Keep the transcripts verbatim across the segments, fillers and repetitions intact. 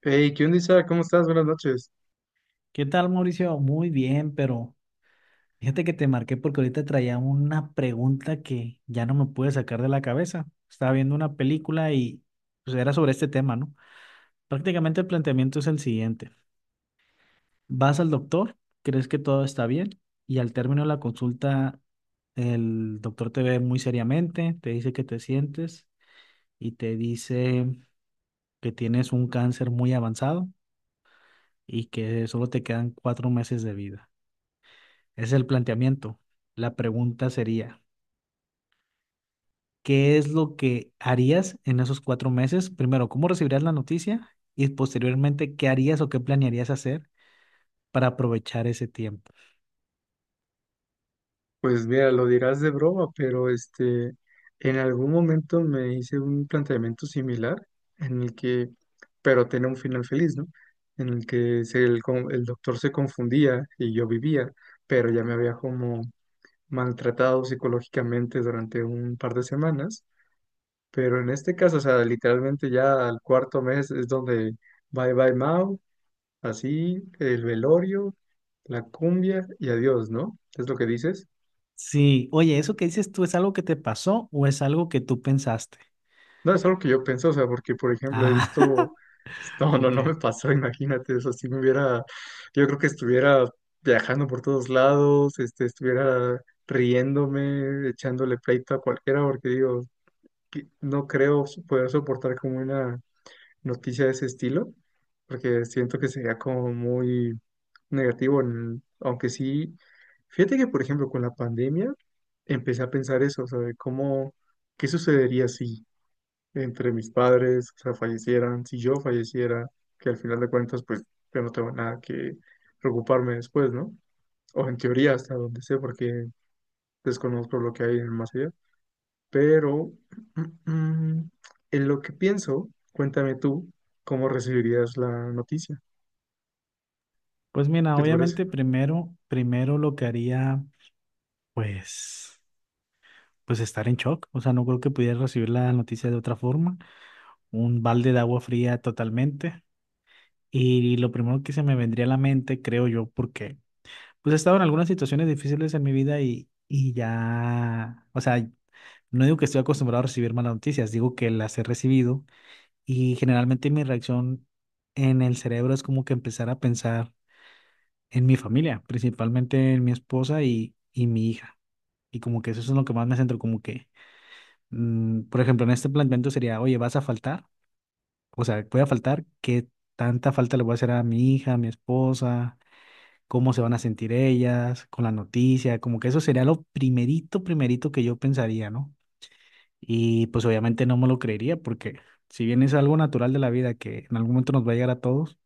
Hey, ¿qué onda, Isa? ¿Cómo estás? Buenas noches. ¿Qué tal, Mauricio? Muy bien, pero fíjate que te marqué porque ahorita traía una pregunta que ya no me pude sacar de la cabeza. Estaba viendo una película y pues era sobre este tema, ¿no? Prácticamente el planteamiento es el siguiente. Vas al doctor, crees que todo está bien y al término de la consulta el doctor te ve muy seriamente, te dice que te sientes y te dice que tienes un cáncer muy avanzado y que solo te quedan cuatro meses de vida. Es el planteamiento. La pregunta sería, ¿qué es lo que harías en esos cuatro meses? Primero, ¿cómo recibirías la noticia? Y posteriormente, ¿qué harías o qué planearías hacer para aprovechar ese tiempo? Pues mira, lo dirás de broma, pero este, en algún momento me hice un planteamiento similar en el que, pero tenía un final feliz, ¿no? En el que se- el, con- el doctor se confundía y yo vivía, pero ya me había como maltratado psicológicamente durante un par de semanas. Pero en este caso, o sea, literalmente ya al cuarto mes es donde bye bye Mao. Así, el velorio, la cumbia y adiós, ¿no? ¿Es lo que dices? Sí, oye, ¿eso que dices tú es algo que te pasó o es algo que tú pensaste? No, es algo que yo pienso, o sea, porque, por ejemplo, he Ah, visto... No, no, no ok. me pasó, imagínate, eso si me hubiera... Yo creo que estuviera viajando por todos lados, este, estuviera riéndome, echándole pleito a cualquiera, porque digo, que no creo poder soportar como una noticia de ese estilo, porque siento que sería como muy negativo, en- aunque sí, fíjate que por ejemplo con la pandemia empecé a pensar eso, o sea, de cómo, qué sucedería si entre mis padres, o sea, fallecieran, si yo falleciera, que al final de cuentas pues yo no tengo nada que preocuparme después, ¿no? O en teoría hasta donde sé, porque desconozco lo que hay en el más allá. Pero en lo que pienso, cuéntame tú cómo recibirías la noticia. Pues mira, ¿Qué te parece? obviamente primero, primero lo que haría, pues, pues estar en shock. O sea, no creo que pudiera recibir la noticia de otra forma. Un balde de agua fría totalmente. Y lo primero que se me vendría a la mente, creo yo, porque pues he estado en algunas situaciones difíciles en mi vida y, y ya, o sea, no digo que estoy acostumbrado a recibir malas noticias, digo que las he recibido y generalmente mi reacción en el cerebro es como que empezar a pensar en mi familia, principalmente en mi esposa y, y mi hija. Y como que eso es lo que más me centro, como que, mm, por ejemplo, en este planteamiento sería, oye, ¿vas a faltar? O sea, ¿voy a faltar? ¿Qué tanta falta le voy a hacer a mi hija, a mi esposa? ¿Cómo se van a sentir ellas con la noticia? Como que eso sería lo primerito, primerito que yo pensaría, ¿no? Y pues obviamente no me lo creería porque si bien es algo natural de la vida que en algún momento nos va a llegar a todos,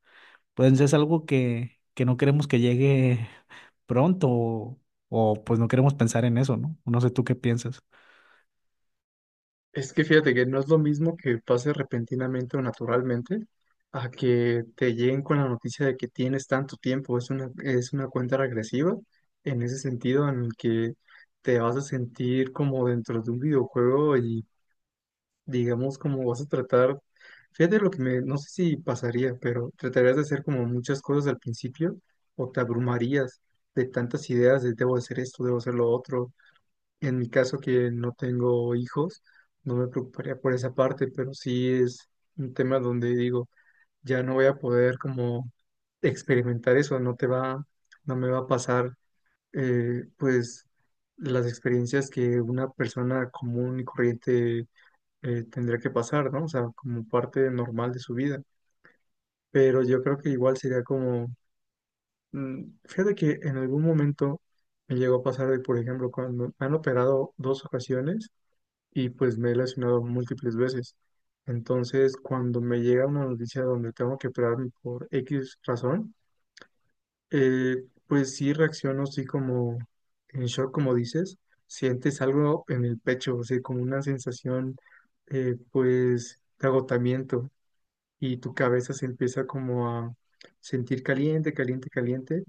pues es algo que, que no queremos que llegue pronto o, o, pues no queremos pensar en eso, ¿no? No sé tú qué piensas. Es que fíjate que no es lo mismo que pase repentinamente o naturalmente a que te lleguen con la noticia de que tienes tanto tiempo. Es una, es una cuenta regresiva en ese sentido en el que te vas a sentir como dentro de un videojuego y digamos, como vas a tratar, fíjate lo que me, no sé si pasaría, pero tratarías de hacer como muchas cosas al principio o te abrumarías de tantas ideas de debo hacer esto, debo hacer lo otro. En mi caso que no tengo hijos, no me preocuparía por esa parte, pero sí es un tema donde digo, ya no voy a poder como experimentar eso, no te va, no me va a pasar, eh, pues, las experiencias que una persona común y corriente eh, tendría que pasar, ¿no? O sea, como parte normal de su vida. Pero yo creo que igual sería como, mm, fíjate que en algún momento me llegó a pasar de, por ejemplo, cuando me han operado dos ocasiones y pues me he lesionado múltiples veces. Entonces, cuando me llega una noticia donde tengo que operarme por X razón, eh, pues sí reacciono así como en shock, como dices, sientes algo en el pecho, o sea, como una sensación eh, pues de agotamiento y tu cabeza se empieza como a sentir caliente, caliente, caliente,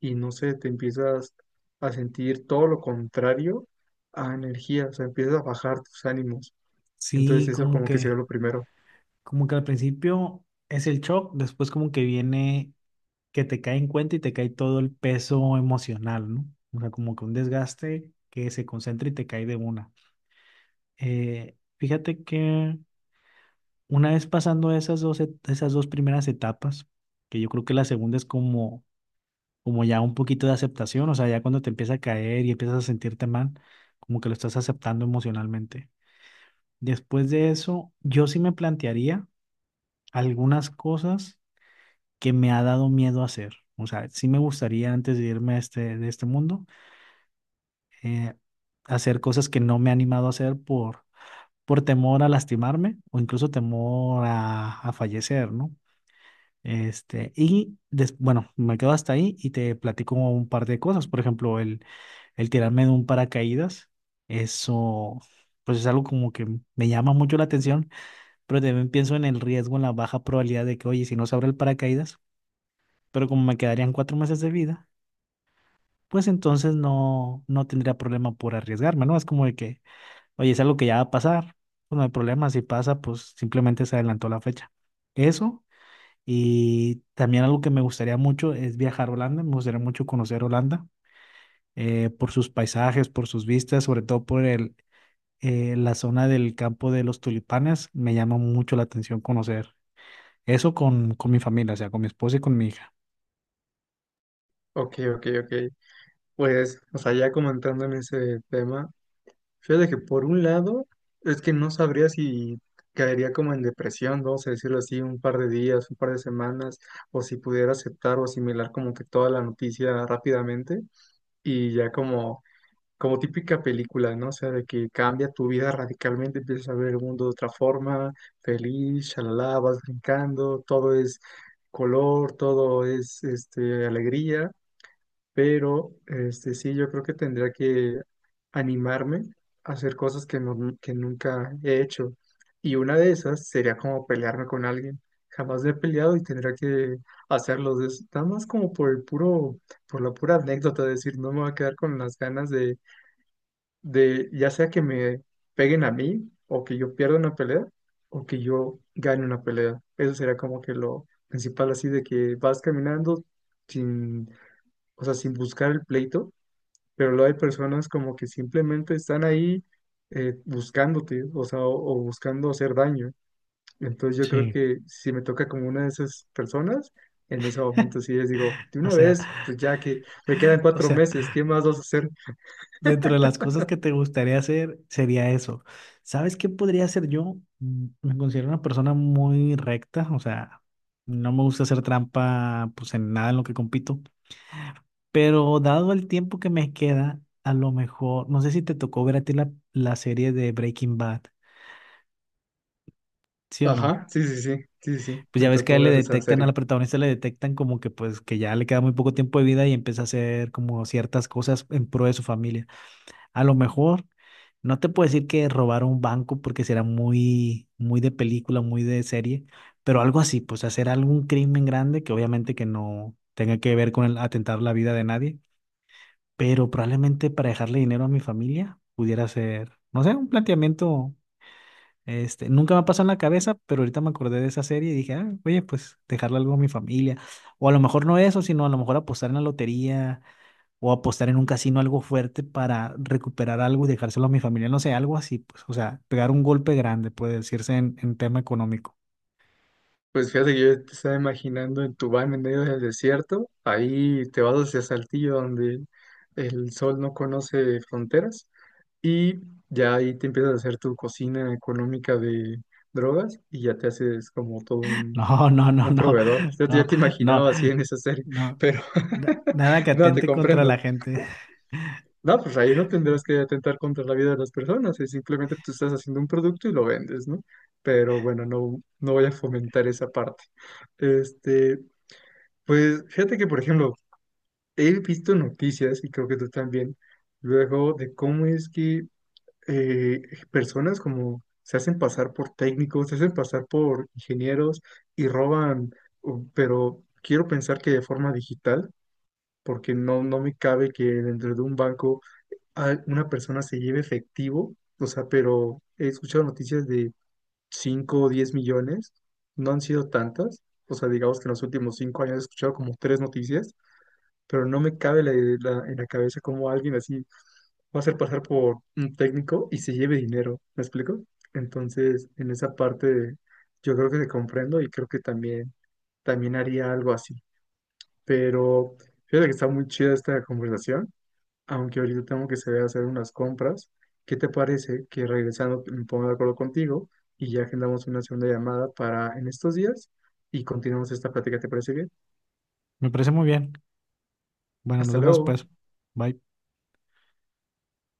y no sé, te empiezas a sentir todo lo contrario a energía, o sea, empiezas a bajar tus ánimos. Entonces Sí, eso como como que sería que, lo primero. como que al principio es el shock, después como que viene que te cae en cuenta y te cae todo el peso emocional, ¿no? O sea, como que un desgaste que se concentra y te cae de una. Eh, fíjate que una vez pasando esas dos, et- esas dos primeras etapas, que yo creo que la segunda es como, como ya un poquito de aceptación, o sea, ya cuando te empieza a caer y empiezas a sentirte mal, como que lo estás aceptando emocionalmente. Después de eso, yo sí me plantearía algunas cosas que me ha dado miedo hacer. O sea, sí me gustaría antes de irme a este, de este mundo, eh, hacer cosas que no me he animado a hacer por, por temor a lastimarme o incluso temor a, a fallecer, ¿no? Este, y des- bueno, me quedo hasta ahí y te platico un par de cosas. Por ejemplo, el, el tirarme de un paracaídas, eso pues es algo como que me llama mucho la atención, pero también pienso en el riesgo, en la baja probabilidad de que, oye, si no se abre el paracaídas, pero como me quedarían cuatro meses de vida, pues entonces no, no tendría problema por arriesgarme, ¿no? Es como de que oye, es algo que ya va a pasar, pues no hay problema, si pasa, pues simplemente se adelantó la fecha. Eso, y también algo que me gustaría mucho es viajar a Holanda, me gustaría mucho conocer Holanda, eh, por sus paisajes, por sus vistas, sobre todo por el, eh, la zona del campo de los tulipanes, me llama mucho la atención conocer eso con, con mi familia, o sea, con mi esposa y con mi hija. Ok, ok, ok. Pues, o sea, ya comentando en ese tema, fíjate que por un lado es que no sabría si caería como en depresión, vamos a decirlo así, un par de días, un par de semanas, o si pudiera aceptar o asimilar como que toda la noticia rápidamente. Y ya como, como típica película, ¿no? O sea, de que cambia tu vida radicalmente, empiezas a ver el mundo de otra forma, feliz, shalala, vas brincando, todo es color, todo es este, alegría, pero este, sí, yo creo que tendría que animarme a hacer cosas que, no- que nunca he hecho. Y una de esas sería como pelearme con alguien. Jamás me he peleado y tendría que hacerlo. Es nada más como por el puro, por la pura anécdota, de decir, no me voy a quedar con las ganas de, de, ya sea que me peguen a mí, o que yo pierda una pelea, o que yo gane una pelea. Eso sería como que lo principal, así de que vas caminando sin, o sea, sin buscar el pleito pero luego hay personas como que simplemente están ahí eh, buscándote, o sea, o, o buscando hacer daño. Entonces yo creo Sí, que si me toca como una de esas personas, en ese momento sí les digo, de o una sea, vez, pues ya que me quedan o cuatro sea, meses, ¿qué más vas a hacer? dentro de las cosas que te gustaría hacer sería eso. ¿Sabes qué podría hacer yo? Mm, me considero una persona muy recta, o sea, no me gusta hacer trampa pues en nada en lo que compito, pero dado el tiempo que me queda, a lo mejor, no sé si te tocó ver a ti la, la serie de Breaking Bad, ¿sí o no? Ajá, sí, sí, sí, sí, sí, Pues me ya ves que a tocó él le ver esa detectan, serie. a la protagonista le detectan como que pues que ya le queda muy poco tiempo de vida y empieza a hacer como ciertas cosas en pro de su familia. A lo mejor, no te puedo decir que robar un banco porque será muy, muy de película, muy de serie, pero algo así, pues hacer algún crimen grande que obviamente que no tenga que ver con el atentar la vida de nadie, pero probablemente para dejarle dinero a mi familia pudiera ser, no sé, un planteamiento, este, nunca me ha pasado en la cabeza, pero ahorita me acordé de esa serie y dije, ah, oye, pues dejarle algo a mi familia, o a lo mejor no eso, sino a lo mejor apostar en la lotería o apostar en un casino algo fuerte para recuperar algo y dejárselo a mi familia, no sé, algo así, pues, o sea, pegar un golpe grande, puede decirse en, en tema económico. Pues fíjate que yo te estaba imaginando en tu van en medio del desierto, ahí te vas hacia Saltillo donde el sol no conoce fronteras. Y ya ahí te empiezas a hacer tu cocina económica de drogas y ya te haces como todo un, No, no, no, un no, proveedor. Ya te, ya no, te no, imaginaba así en esa serie, no, pero na- nada que no, te atente contra comprendo. la gente. No, pues ahí no tendrás que atentar contra la vida de las personas, es simplemente tú estás haciendo un producto y lo vendes, ¿no? Pero bueno, no, no voy a fomentar esa parte. Este, pues fíjate que, por ejemplo, he visto noticias y creo que tú también, luego de cómo es que eh, personas como se hacen pasar por técnicos, se hacen pasar por ingenieros y roban, u- pero quiero pensar que de forma digital, porque no, no me cabe que dentro de un banco a- una persona se lleve efectivo, o sea, pero he escuchado noticias de cinco o diez millones, no han sido tantas, o sea, digamos que en los últimos cinco años he escuchado como tres noticias pero no me cabe la, la- en la cabeza cómo alguien así va a hacer pasar por un técnico y se lleve dinero, ¿me explico? Entonces, en esa parte yo creo que te comprendo y creo que también, también haría algo así. Pero fíjate que está muy chida esta conversación, aunque ahorita tengo que salir a hacer unas compras. ¿Qué te parece que regresando me ponga de acuerdo contigo y ya agendamos una segunda llamada para en estos días y continuamos esta plática? ¿Te parece bien? Me parece muy bien. Bueno, nos Hasta vemos luego. después. Bye.